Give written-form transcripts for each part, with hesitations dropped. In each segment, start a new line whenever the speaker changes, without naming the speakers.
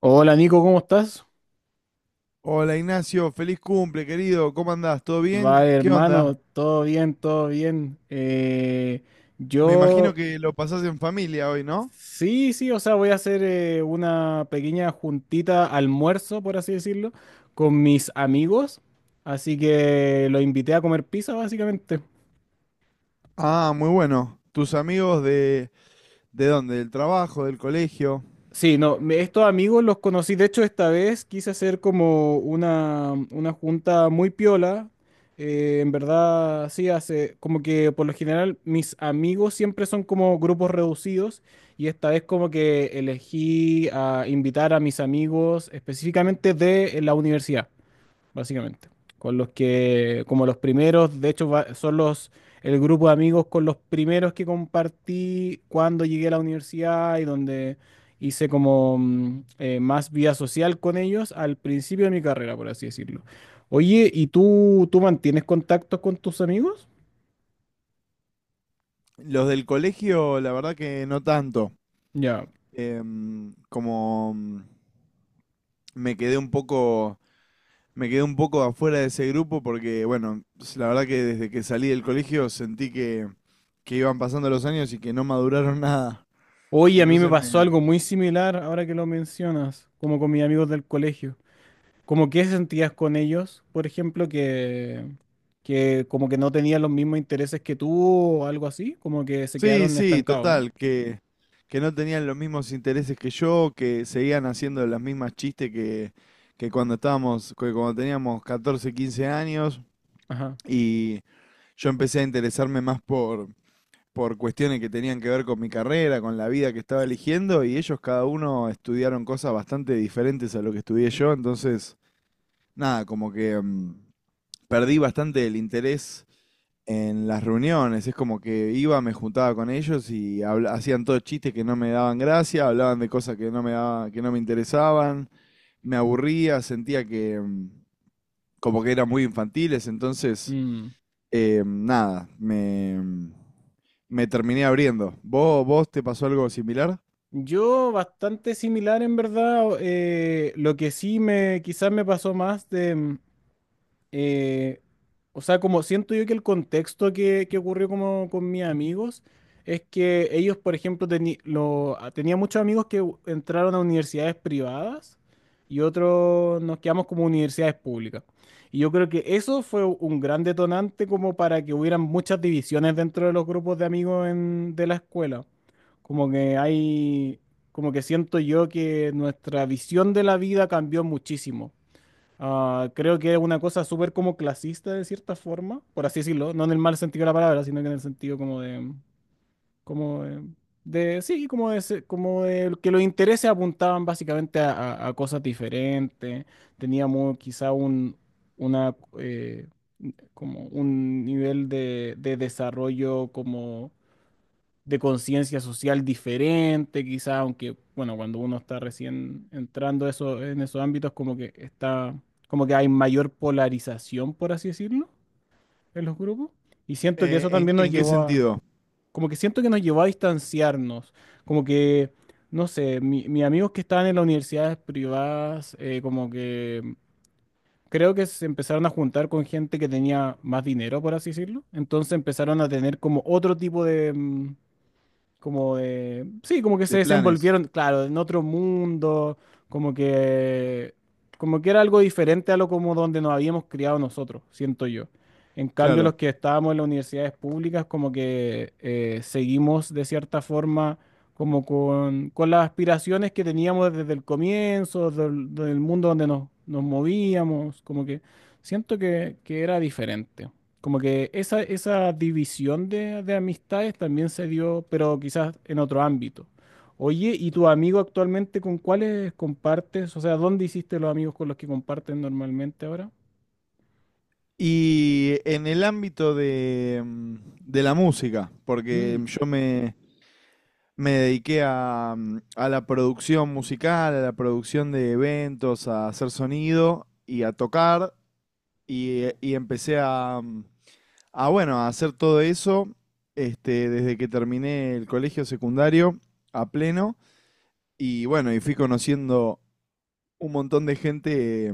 Hola Nico, ¿cómo estás?
Hola Ignacio, feliz cumple, querido. ¿Cómo andás? ¿Todo
Va
bien? ¿Qué onda?
hermano, todo bien, todo bien.
Me imagino
Yo.
que lo pasás en familia hoy, ¿no?
Sí, sí, o sea, voy a hacer una pequeña juntita almuerzo, por así decirlo, con mis amigos. Así que los invité a comer pizza, básicamente.
Ah, muy bueno. ¿Tus amigos de dónde? ¿Del trabajo, del colegio?
Sí, no, estos amigos los conocí. De hecho, esta vez quise hacer como una junta muy piola. En verdad, sí, hace como que por lo general mis amigos siempre son como grupos reducidos, y esta vez como que elegí a invitar a mis amigos específicamente de la universidad básicamente. Con los que, como los primeros, de hecho, son el grupo de amigos con los primeros que compartí cuando llegué a la universidad y donde hice como más vida social con ellos al principio de mi carrera, por así decirlo. Oye, ¿y tú mantienes contactos con tus amigos?
Los del colegio, la verdad que no tanto.
Ya.
Como me quedé un poco, me quedé un poco afuera de ese grupo porque, bueno, la verdad que desde que salí del colegio sentí que iban pasando los años y que no maduraron nada.
Oye, a mí me
Entonces me,
pasó algo muy similar ahora que lo mencionas, como con mis amigos del colegio. ¿Cómo qué sentías con ellos, por ejemplo, que como que no tenían los mismos intereses que tú o algo así, como que se
sí,
quedaron
sí,
estancados, ¿no?
total, que no tenían los mismos intereses que yo, que seguían haciendo las mismas chistes que cuando que cuando teníamos 14, 15 años,
Ajá.
y yo empecé a interesarme por cuestiones que tenían que ver con mi carrera, con la vida que estaba eligiendo, y ellos cada uno estudiaron cosas bastante diferentes a lo que estudié yo, entonces, nada, como que perdí bastante el interés en las reuniones. Es como que iba, me juntaba con ellos y hacían todos chistes que no me daban gracia, hablaban de cosas que no que no me interesaban, me aburría, sentía que como que eran muy infantiles, entonces
Mm.
nada, me terminé abriendo. Vos te pasó algo similar?
Yo bastante similar en verdad. Lo que sí me quizás me pasó más de, eh, o sea, como siento yo que el contexto que ocurrió como con mis amigos es que ellos, por ejemplo, tenía muchos amigos que entraron a universidades privadas y otros nos quedamos como universidades públicas. Y yo creo que eso fue un gran detonante como para que hubieran muchas divisiones dentro de los grupos de amigos de la escuela. Como que hay, Como que siento yo que nuestra visión de la vida cambió muchísimo. Ah, creo que es una cosa súper como clasista de cierta forma, por así decirlo, no en el mal sentido de la palabra, sino que en el sentido como de, sí, como de que los intereses apuntaban básicamente a cosas diferentes. Teníamos quizá una, como un nivel de desarrollo como de conciencia social diferente, quizá, aunque, bueno, cuando uno está recién entrando eso, en esos ámbitos, como que hay mayor polarización, por así decirlo, en los grupos. Y siento que eso también
En qué sentido?
como que siento que nos llevó a distanciarnos. como que, no sé, mis amigos que estaban en las universidades privadas, como que... Creo que se empezaron a juntar con gente que tenía más dinero, por así decirlo. Entonces empezaron a tener como otro tipo de, como sí, como que se
De planes,
desenvolvieron, claro, en otro mundo, como que como que era algo diferente a lo como donde nos habíamos criado nosotros, siento yo. En cambio, los
claro.
que estábamos en las universidades públicas, como que seguimos de cierta forma como con las aspiraciones que teníamos desde el comienzo, del mundo donde nos movíamos, como que siento que era diferente. Como que esa división de amistades también se dio, pero quizás en otro ámbito. Oye, ¿y tu amigo actualmente con cuáles compartes? O sea, ¿dónde hiciste los amigos con los que comparten normalmente ahora?
Y en el ámbito de, de la música, porque
Mm,
me dediqué a, a la producción musical, a la producción de eventos, a hacer sonido y a tocar. Y empecé a, a, bueno, a hacer todo eso este, desde que terminé el colegio secundario a pleno. Y bueno, y fui conociendo un montón de gente,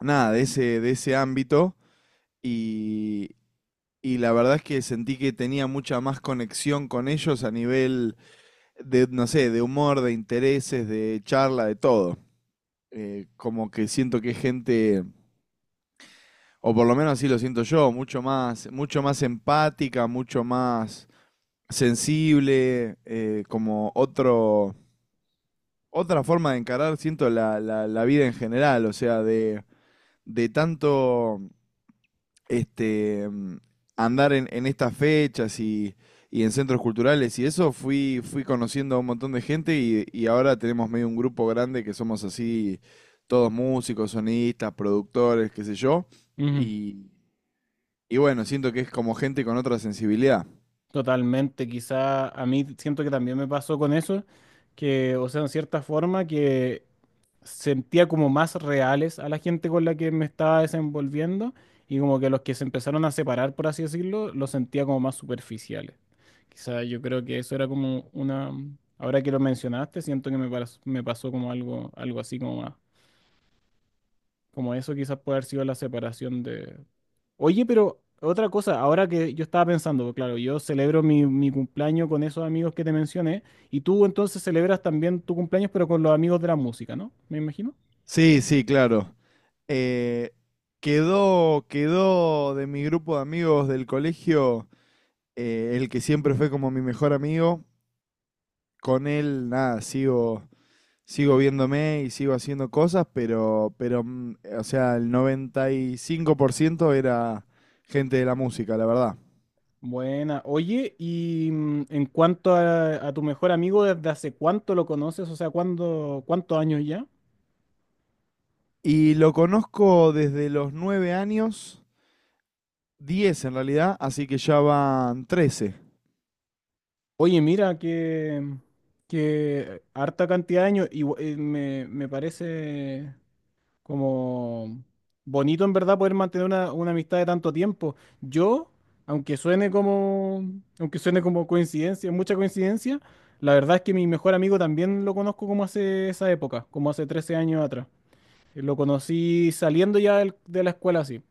nada, de ese ámbito. Y, y la verdad es que sentí que tenía mucha más conexión con ellos a nivel de, no sé, de humor, de intereses, de charla, de todo. Como que siento que es gente, o por lo menos así lo siento yo, mucho más empática, mucho más sensible, como otra forma de encarar, siento, la vida en general, o sea, de tanto este, andar en estas fechas y en centros culturales y eso, fui conociendo a un montón de gente y ahora tenemos medio un grupo grande que somos así, todos músicos, sonistas, productores, qué sé yo.
ujú.
Y, y bueno, siento que es como gente con otra sensibilidad.
Totalmente, quizá a mí siento que también me pasó con eso, que, o sea, en cierta forma que sentía como más reales a la gente con la que me estaba desenvolviendo, y como que los que se empezaron a separar, por así decirlo, los sentía como más superficiales. Quizá yo creo que eso era como una, ahora que lo mencionaste, siento que me pasó como algo, algo así como más, como eso quizás puede haber sido la separación de. Oye, pero otra cosa, ahora que yo estaba pensando, claro, yo celebro mi cumpleaños con esos amigos que te mencioné, y tú entonces celebras también tu cumpleaños, pero con los amigos de la música, ¿no? Me imagino.
Sí, sí, claro. Eh, quedó de mi grupo de amigos del colegio el que siempre fue como mi mejor amigo. Con él, nada, sigo viéndome y sigo haciendo cosas, pero, o sea, el 95% era gente de la música, la verdad.
Buena. Oye, y en cuanto a tu mejor amigo, ¿desde hace cuánto lo conoces? O sea, ¿cuándo, cuántos años ya?
Y lo conozco desde los 9 años, 10 en realidad, así que ya van 13.
Oye, mira, que harta cantidad de años, y, me parece como bonito en verdad poder mantener una amistad de tanto tiempo. Yo, aunque suene como, aunque suene como coincidencia, mucha coincidencia, la verdad es que mi mejor amigo también lo conozco como hace esa época, como hace 13 años atrás. Lo conocí saliendo ya de la escuela así.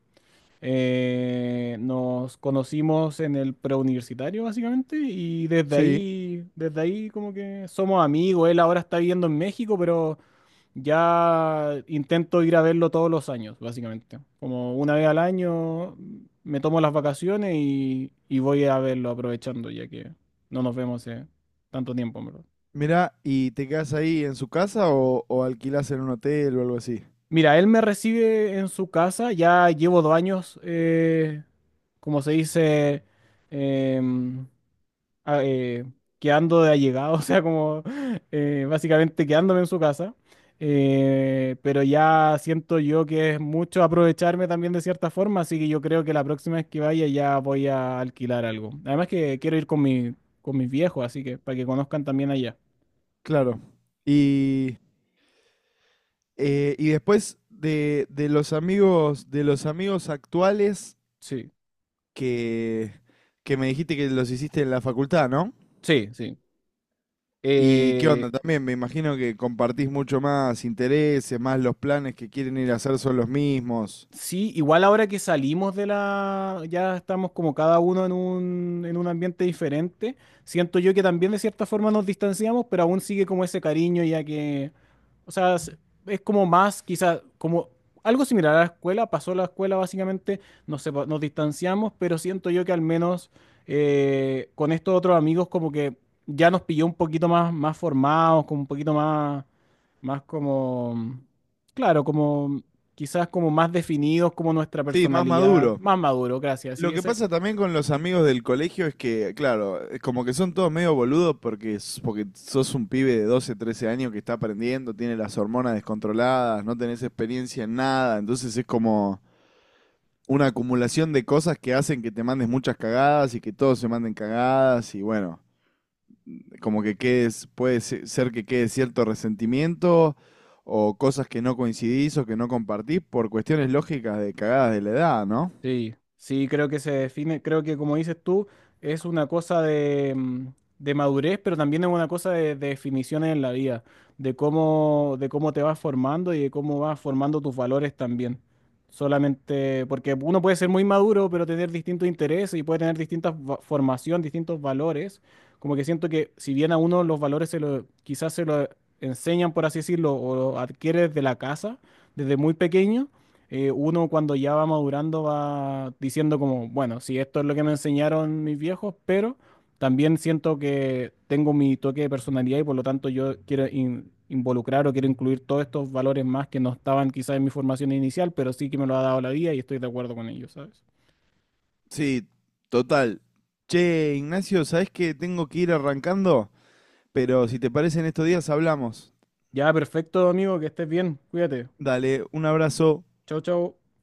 Nos conocimos en el preuniversitario básicamente y
Sí.
desde ahí como que somos amigos. Él ahora está viviendo en México, pero ya intento ir a verlo todos los años, básicamente. Como una vez al año me tomo las vacaciones y voy a verlo aprovechando, ya que no nos vemos hace tanto tiempo, en verdad.
Mirá, ¿y te quedas ahí en su casa o alquilás en un hotel o algo así?
Mira, él me recibe en su casa, ya llevo 2 años, como se dice, em, a- eh, quedando de allegado, o sea, como básicamente quedándome en su casa. Pero ya siento yo que es mucho aprovecharme también de cierta forma, así que yo creo que la próxima vez que vaya ya voy a alquilar algo. Además que quiero ir con con mis viejos, así que para que conozcan también allá.
Claro. Y, y después de los amigos actuales,
Sí,
que, que me dijiste que los hiciste en la facultad, ¿no?
sí, sí.
¿Y qué
Eh,
onda? También me imagino que compartís mucho más intereses, más los planes que quieren ir a hacer son los mismos.
Sí, igual ahora que salimos de ya estamos como cada uno en en un ambiente diferente, siento yo que también de cierta forma nos distanciamos, pero aún sigue como ese cariño ya que, o sea, es como más, quizás, como algo similar a la escuela, pasó la escuela básicamente. Nos distanciamos, pero siento yo que al menos con estos otros amigos como que ya nos pilló un poquito más, más formados, como un poquito más, más como, claro, como quizás como más definidos como nuestra
Sí, más
personalidad,
maduro.
más maduro, gracias.
Lo
Sí,
que
ese.
pasa también con los amigos del colegio es que, claro, es como que son todos medio boludos porque, porque sos un pibe de 12, 13 años que está aprendiendo, tiene las hormonas descontroladas, no tenés experiencia en nada, entonces es como una acumulación de cosas que hacen que te mandes muchas cagadas y que todos se manden cagadas y bueno, como que quedes, puede ser que quede cierto resentimiento o cosas que no coincidís o que no compartís por cuestiones lógicas de cagadas de la edad, ¿no?
Sí, sí, creo que se define, creo que como dices tú, es una cosa de, de madurez, pero también es una cosa de definiciones en la vida, de cómo te vas formando y de cómo vas formando tus valores también. Solamente porque uno puede ser muy maduro, pero tener distintos intereses y puede tener distintas formación, distintos valores. Como que siento que si bien a uno los valores quizás se lo enseñan, por así decirlo, o lo adquieres de la casa, desde muy pequeño. Uno cuando ya va madurando va diciendo como, bueno, si esto es lo que me enseñaron mis viejos, pero también siento que tengo mi toque de personalidad y por lo tanto yo quiero involucrar o quiero incluir todos estos valores más que no estaban quizás en mi formación inicial, pero sí que me lo ha dado la vida y estoy de acuerdo con ellos, ¿sabes?
Sí, total. Che, Ignacio, ¿sabés que tengo que ir arrancando? Pero si te parece en estos días hablamos.
Ya, perfecto, amigo, que estés bien, cuídate.
Dale, un abrazo.
Chau, chau.